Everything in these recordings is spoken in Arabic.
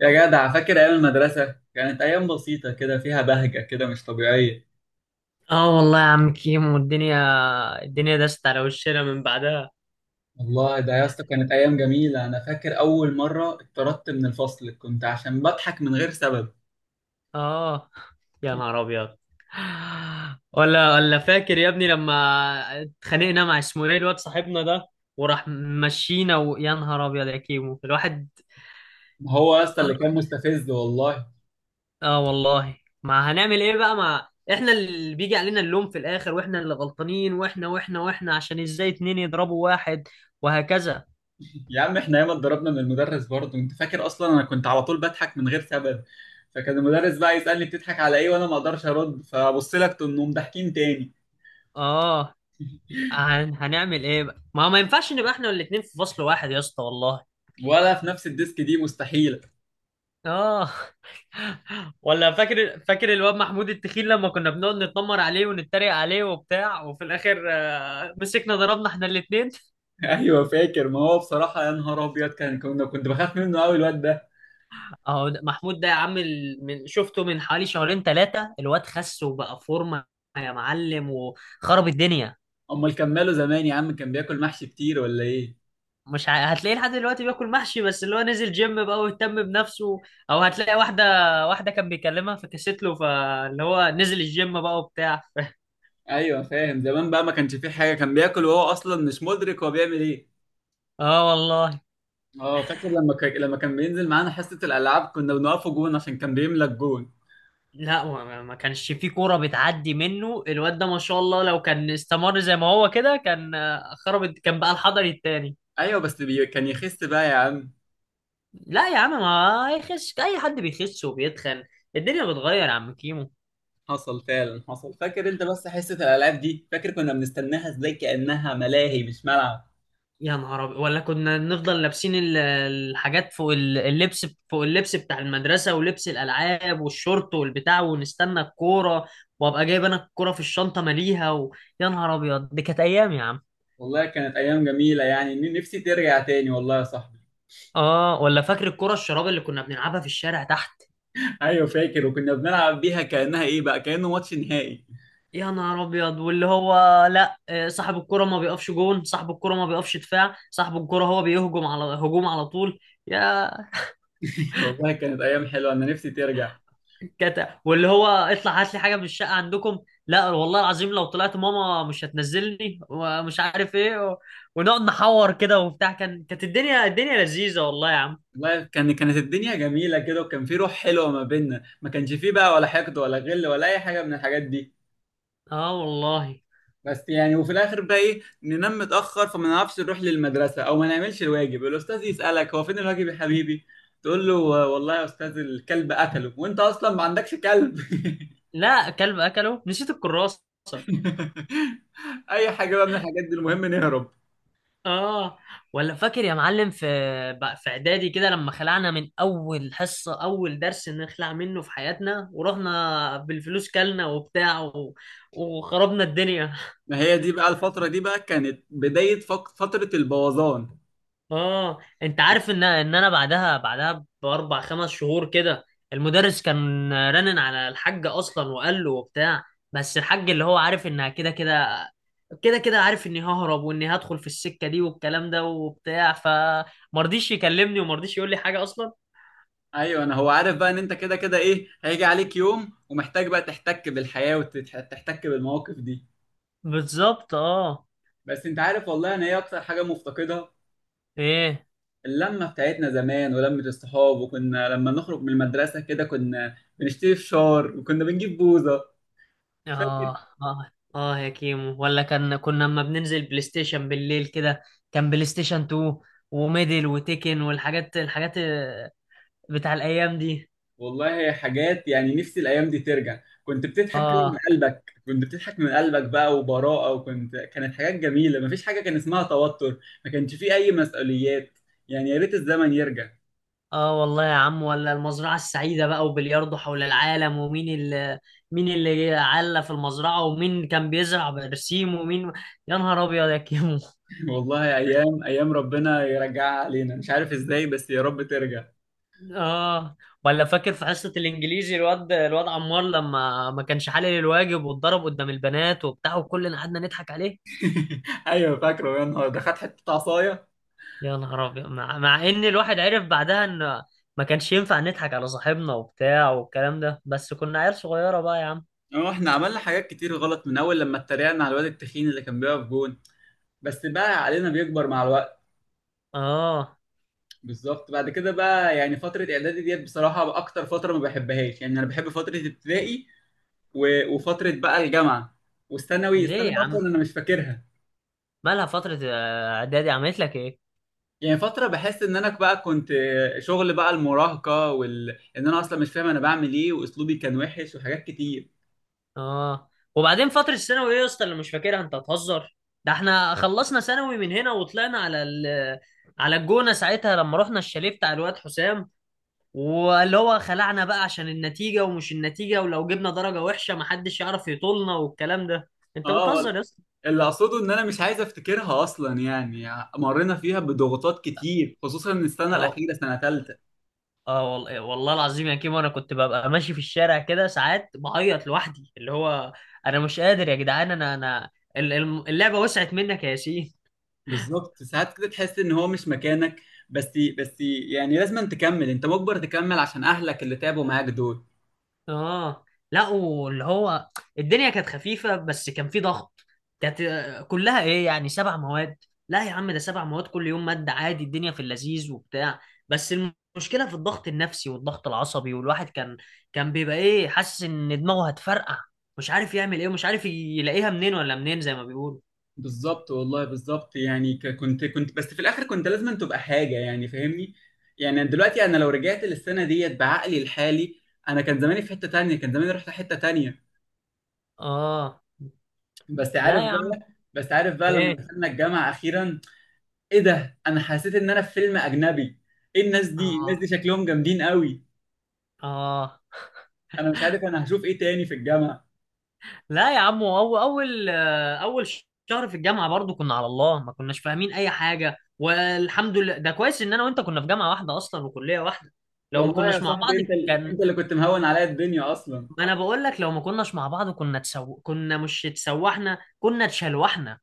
يا جدع، فاكر ايام المدرسه؟ كانت ايام بسيطه كده فيها بهجه كده مش طبيعيه. اه، والله يا عم كيمو. الدنيا دست على وشنا من بعدها. والله ده يا اسطى كانت ايام جميله. انا فاكر اول مره اتطردت من الفصل كنت عشان بضحك من غير سبب. اه، يا نهار ابيض. ولا فاكر يا ابني لما اتخانقنا مع اسمه ايه الواد صاحبنا ده وراح مشينا، ويا نهار ابيض يا كيمو الواحد. ما هو يا اسطى اه، اللي كان مستفز والله. آه والله. ما هنعمل ايه بقى؟ ما احنا اللي بيجي علينا اللوم في الاخر، واحنا اللي غلطانين، واحنا عشان ازاي اتنين يضربوا واحد، وهكذا. يا عم احنا ياما اتضربنا من المدرس برضه. انت فاكر؟ اصلا انا كنت على طول بضحك من غير سبب، فكان المدرس بقى يسالني بتضحك على ايه، وانا ما اقدرش ارد، فابص لك تنوم ضاحكين تاني. اه، هنعمل ايه بقى؟ ما ينفعش نبقى احنا الاتنين في فصل واحد يا اسطى والله. ولا في نفس الديسك، دي مستحيله. اه. ولا فاكر الواد محمود التخين لما كنا بنقعد نتنمر عليه ونتريق عليه وبتاع، وفي الاخر مسكنا ضربنا احنا الاتنين. ايوه فاكر. ما هو بصراحه يا نهار ابيض، كان كنا كنت بخاف منه قوي الواد ده. اهو محمود ده يا عم، من شفته من حوالي شهرين ثلاثة الواد خس وبقى فورمة يا معلم، وخرب الدنيا. امال كان ماله زمان يا عم؟ كان بياكل محشي كتير ولا ايه؟ مش ع... هتلاقيه لحد دلوقتي بياكل محشي، بس اللي هو نزل جيم بقى واهتم بنفسه. او هتلاقي واحدة، واحدة كان بيكلمها فكست له، فاللي هو نزل الجيم بقى وبتاع. ايوه فاهم. زمان بقى ما كانش فيه حاجه، كان بياكل وهو اصلا مش مدرك هو بيعمل ايه. اه والله. اه فاكر، لما لما كان بينزل معانا حصه الالعاب كنا بنقفه جون عشان كان بيملى الجون. لا، ما كانش في كورة بتعدي منه الواد ده، ما شاء الله. لو كان استمر زي ما هو كده كان خرب، كان بقى الحضري التاني. ايوه بس كان يخس بقى يا عم. لا يا عم، ما يخش اي حد بيخش وبيتخن. الدنيا بتغير يا عم كيمو. حصل فعلا حصل. فاكر انت بس حصه الالعاب دي؟ فاكر كنا بنستناها ازاي؟ كانها ملاهي مش ملعب. يا نهار أبيض. ولا كنا نفضل لابسين الحاجات فوق اللبس فوق اللبس بتاع المدرسة، ولبس الألعاب والشورت والبتاع، ونستنى الكورة. وأبقى جايب أنا الكورة في الشنطة ماليها يا نهار أبيض، دي كانت أيام يا عم. والله كانت ايام جميله يعني، نفسي ترجع تاني والله يا صاحبي. آه، ولا فاكر الكورة الشراب اللي كنا بنلعبها في الشارع. ايوه فاكر، وكنا بنلعب بيها كانها ايه بقى، كانه ماتش نهائي. يا نهار ابيض، واللي هو لا، صاحب الكرة ما بيقفش جون، صاحب الكرة ما بيقفش دفاع، صاحب الكرة هو بيهجم على هجوم على طول. يا والله كانت ايام حلوه، انا نفسي ترجع. كتا، واللي هو اطلع هات لي حاجة من الشقة عندكم، لا والله العظيم لو طلعت ماما مش هتنزلني، ومش عارف ايه ونقعد نحور كده وبتاع. كانت الدنيا لذيذة والله يا عم. والله كانت الدنيا جميله كده، وكان في روح حلوه ما بيننا، ما كانش فيه بقى ولا حقد ولا غل ولا اي حاجه من الحاجات دي. اه والله. بس يعني وفي الاخر بقى ايه، ننام متاخر فما نعرفش نروح للمدرسه او ما نعملش الواجب، الاستاذ يسالك هو فين الواجب يا حبيبي. تقول له: والله يا استاذ الكلب قتله، وانت اصلا ما عندكش كلب. لا، كلب اكله، نسيت الكراسة. اي حاجه بقى من الحاجات دي، المهم نهرب. اه، ولا فاكر يا معلم في بقى في اعدادي كده لما خلعنا من اول حصة، اول درس نخلع منه في حياتنا، ورحنا بالفلوس كلنا وبتاع وخربنا الدنيا. ما هي دي بقى الفتره دي بقى كانت بدايه فتره البوظان. اه، انت عارف ان انا بعدها باربع خمس شهور كده المدرس كان رنن على الحاج اصلا، وقال له وبتاع. بس الحاج اللي هو عارف انها كده كده، كده كده عارف اني ههرب واني هدخل في السكة دي والكلام ده وبتاع، فمرضيش يكلمني ومرضيش يقول لي حاجة اصلا. ايوه، انا هو عارف بقى ان انت كده كده ايه هيجي عليك يوم ومحتاج بقى تحتك بالحياه وتحتك بالمواقف دي. بالظبط اه. بس انت عارف والله، انا ايه اكتر حاجه مفتقدها؟ ايه. اللمه بتاعتنا زمان ولمه الصحاب. وكنا لما نخرج من المدرسه كده كنا بنشتري فشار وكنا بنجيب بوظه. فاكر؟ اه اه، اه يا كيمو، ولا كنا لما بننزل بلاي ستيشن بالليل كده، كان بلاي ستيشن 2 وميدل وتيكن والحاجات الحاجات آه، بتاع الايام دي. والله حاجات يعني نفسي الايام دي ترجع. كنت بتضحك كده من اه. قلبك، كنت بتضحك من قلبك بقى وبراءه، وكنت كانت حاجات جميله، مفيش حاجه كان اسمها توتر. ما كانش فيه اي مسؤوليات. يعني يا ريت الزمن يرجع. اه والله يا عم، ولا المزرعة السعيدة بقى، وبلياردو حول العالم، ومين اللي مين اللي علّى في المزرعة، ومين كان بيزرع برسيم، ومين. يا نهار ابيض يا كيمو. والله ايام ايام ربنا يرجعها علينا، مش عارف ازاي بس يا رب ترجع. اه، ولا فاكر في حصة الانجليزي الواد عمار لما ما كانش حالل الواجب، واتضرب قدام البنات وبتاع، وكلنا قعدنا نضحك عليه. ايوه فاكره، يا نهار ده خد حته عصايه. يا نهار ابيض، مع ان الواحد عرف بعدها ان ما كانش ينفع نضحك على صاحبنا وبتاع والكلام ده، بس كنا عيال صغيرة بقى يا عم. اه احنا عملنا حاجات كتير غلط، من اول لما اتريقنا على الواد التخين اللي كان بيقف جون. بس بقى علينا بيكبر مع الوقت. اه. بالظبط. بعد كده بقى يعني فتره اعدادي ديت بصراحه اكتر فتره ما بحبهاش يعني. انا بحب فتره ابتدائي و... وفتره بقى الجامعه. والثانوي ليه الثانوي يا عم؟ اصلا انا مش فاكرها. مالها فترة اعدادي؟ عملت لك ايه؟ يعني فترة بحس ان انا بقى كنت شغل بقى المراهقة ان انا اصلا مش فاهم انا بعمل ايه، واسلوبي كان وحش وحاجات كتير. اه، وبعدين فترة الثانوي ايه يا اسطى اللي مش فاكرها؟ انت هتهزر. ده احنا خلصنا ثانوي من هنا وطلعنا على على الجونة ساعتها، لما رحنا الشاليه بتاع الواد حسام، واللي هو خلعنا بقى عشان النتيجة ومش النتيجة، ولو جبنا درجة وحشة محدش يعرف يطولنا والكلام ده. انت اه بتهزر يا اسطى. اللي اقصده ان انا مش عايز افتكرها اصلا يعني. مرينا فيها بضغوطات كتير، خصوصا من السنة اه، الاخيرة سنة تالتة. اه والله، والله العظيم يا كيمو، انا كنت ببقى ماشي في الشارع كده ساعات بعيط لوحدي، اللي هو انا مش قادر يا جدعان، انا اللعبة وسعت منك يا ياسين. بالظبط، ساعات كده تحس ان هو مش مكانك. بس بس يعني لازم أن تكمل، انت مجبر تكمل عشان اهلك اللي تعبوا معاك دول. اه. لا، واللي هو الدنيا كانت خفيفة بس كان في ضغط. كانت كلها ايه يعني؟ سبع مواد. لا يا عم، ده سبع مواد كل يوم مادة عادي، الدنيا في اللذيذ وبتاع، بس المشكلة في الضغط النفسي والضغط العصبي. والواحد كان بيبقى ايه، حاسس ان دماغه هتفرقع، مش عارف يعمل ايه، ومش عارف يلاقيها منين ولا منين زي ما بيقولوا. بالظبط والله بالظبط يعني كنت بس في الاخر كنت لازم أن تبقى حاجه يعني، فاهمني. يعني دلوقتي انا لو رجعت للسنه ديت بعقلي الحالي، انا كان زماني في حته تانية، كان زماني رحت حته تانية. اه. بس عارف لا يا عم. بقى بس عارف بقى لما ايه. دخلنا الجامعه اخيرا، ايه ده، انا حسيت ان انا في فيلم اجنبي. ايه الناس دي، الناس اه. دي شكلهم جامدين قوي. اه، انا مش عارف انا هشوف ايه تاني في الجامعه. لا يا عم، هو اول شهر في الجامعه برضو كنا على الله، ما كناش فاهمين اي حاجه. والحمد لله ده كويس ان انا وانت كنا في جامعه واحده اصلا وكليه واحده. لو ما والله يا كناش مع بعض صاحبي، انت كان، انت اللي كنت مهون عليا الدنيا اصلا. ما انا بقول لك لو ما كناش مع بعض كنا مش اتسوحنا، كنا اتشلوحنا.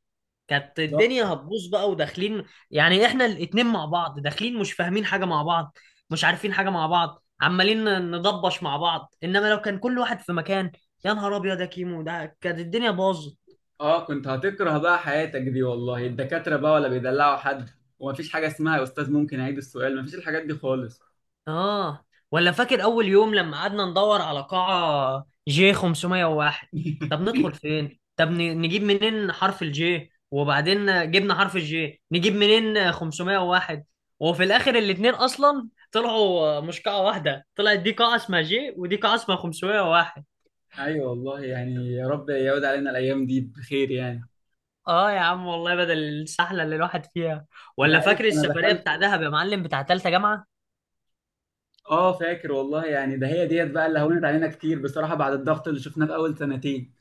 كانت بالظبط. الدنيا هتبوظ بقى وداخلين. يعني احنا الاتنين مع بعض داخلين مش فاهمين حاجه مع بعض، مش عارفين حاجه مع بعض، عمالين ندبش مع بعض، انما لو كان كل واحد في مكان، يا نهار ابيض يا كيمو، ده كانت الدنيا باظت. اه كنت هتكره بقى حياتك دي والله، الدكاترة بقى ولا بيدلعوا حد، ومفيش حاجة اسمها يا أستاذ ممكن أعيد السؤال، مفيش الحاجات دي خالص. اه، ولا فاكر اول يوم لما قعدنا ندور على قاعة جي 501؟ طب ندخل فين؟ طب نجيب منين حرف الجي، وبعدين جبنا حرف الجي نجيب منين 501؟ وفي الاخر الاتنين اصلا طلعوا مش قاعة واحدة، طلعت دي قاعة اسمها جي ودي قاعة اسمها 501. أيوة والله يعني، يا رب يعود علينا الأيام دي بخير يعني. اه يا عم والله، بدل السحلة اللي الواحد فيها. أنت ولا عارف فاكر أنا السفرية دخلت. بتاع دهب يا معلم بتاع تالتة جامعة؟ اه فاكر والله يعني. ده هي ديت بقى اللي هونت علينا كتير بصراحة، بعد الضغط اللي شفناه في أول سنتين.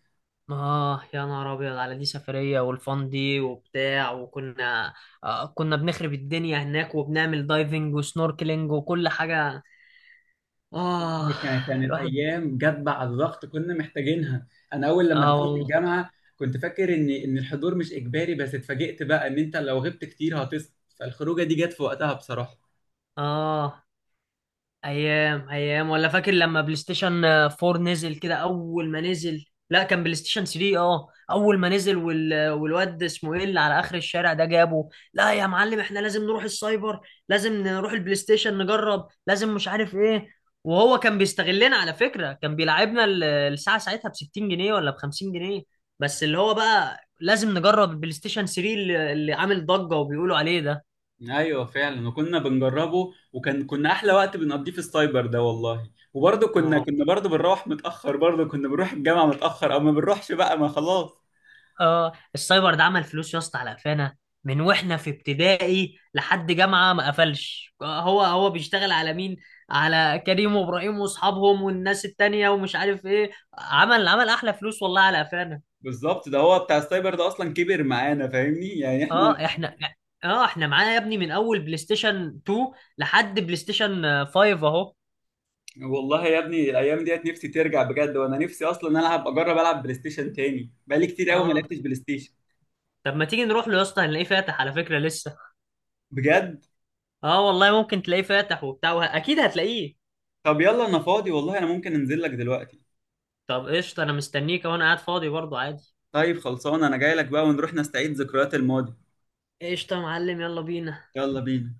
آه، يا نهار أبيض على دي سفرية، والفان دي وبتاع وكنا، آه كنا بنخرب الدنيا هناك، وبنعمل دايفنج وسنوركلينج وكل حاجة. آه. هي كانت الواحد. أيام جت بعد الضغط كنا محتاجينها. أنا أول لما آه دخلت والله. الجامعة كنت فاكر إن الحضور مش إجباري، بس اتفاجئت بقى إن أنت لو غبت كتير هتسقط. فالخروجة دي جت في وقتها بصراحة. آه. ايام ايام. ولا فاكر لما بلاي ستيشن 4 نزل كده اول ما نزل؟ لا، كان بلاي ستيشن 3 اه اول ما نزل، والواد اسمه ايه اللي على اخر الشارع ده جابه. لا يا معلم، احنا لازم نروح السايبر، لازم نروح البلاي ستيشن نجرب، لازم، مش عارف ايه. وهو كان بيستغلنا على فكرة، كان بيلعبنا الساعة ساعتها ب 60 جنيه ولا ب 50 جنيه. بس اللي هو بقى لازم نجرب البلاي ستيشن 3 اللي عامل ضجة وبيقولوا عليه ده. ايوه فعلا، وكنا بنجربه وكان احلى وقت بنقضيه في السايبر ده والله، وبرضه كنا آه. كنا برضه بنروح متاخر، برضه كنا بنروح الجامعه متاخر او ما بنروحش بقى ما خلاص. اه، السايبر ده عمل فلوس يا اسطى على قفانا، من واحنا في ابتدائي لحد جامعه ما قفلش. هو بيشتغل على مين؟ على كريم وابراهيم واصحابهم والناس التانية ومش عارف ايه. عمل احلى فلوس والله على قفانا. بالظبط، ده هو بتاع السايبر ده اصلا كبر معانا، فاهمني يعني احنا. اه احنا اه، احنا معانا يا ابني من اول بلاي ستيشن 2 لحد بلاي ستيشن 5 اهو. والله يا ابني الايام ديت نفسي ترجع بجد، وانا نفسي اصلا العب اجرب العب بلاي ستيشن تاني، بقالي كتير قوي ما اه، لعبتش بلاي ستيشن. طب ما تيجي نروح له يا اسطى؟ هنلاقيه فاتح على فكره لسه. بجد؟ اه والله، ممكن تلاقيه فاتح وبتاع، اكيد هتلاقيه. طب يلا انا فاضي والله، انا ممكن انزل لك دلوقتي. طب قشطه، انا مستنيك وانا قاعد فاضي برضه عادي. طيب خلصان، انا جاي لك بقى ونروح نستعيد ذكريات الماضي. قشطة يا معلم، يلا بينا. يلا بينا.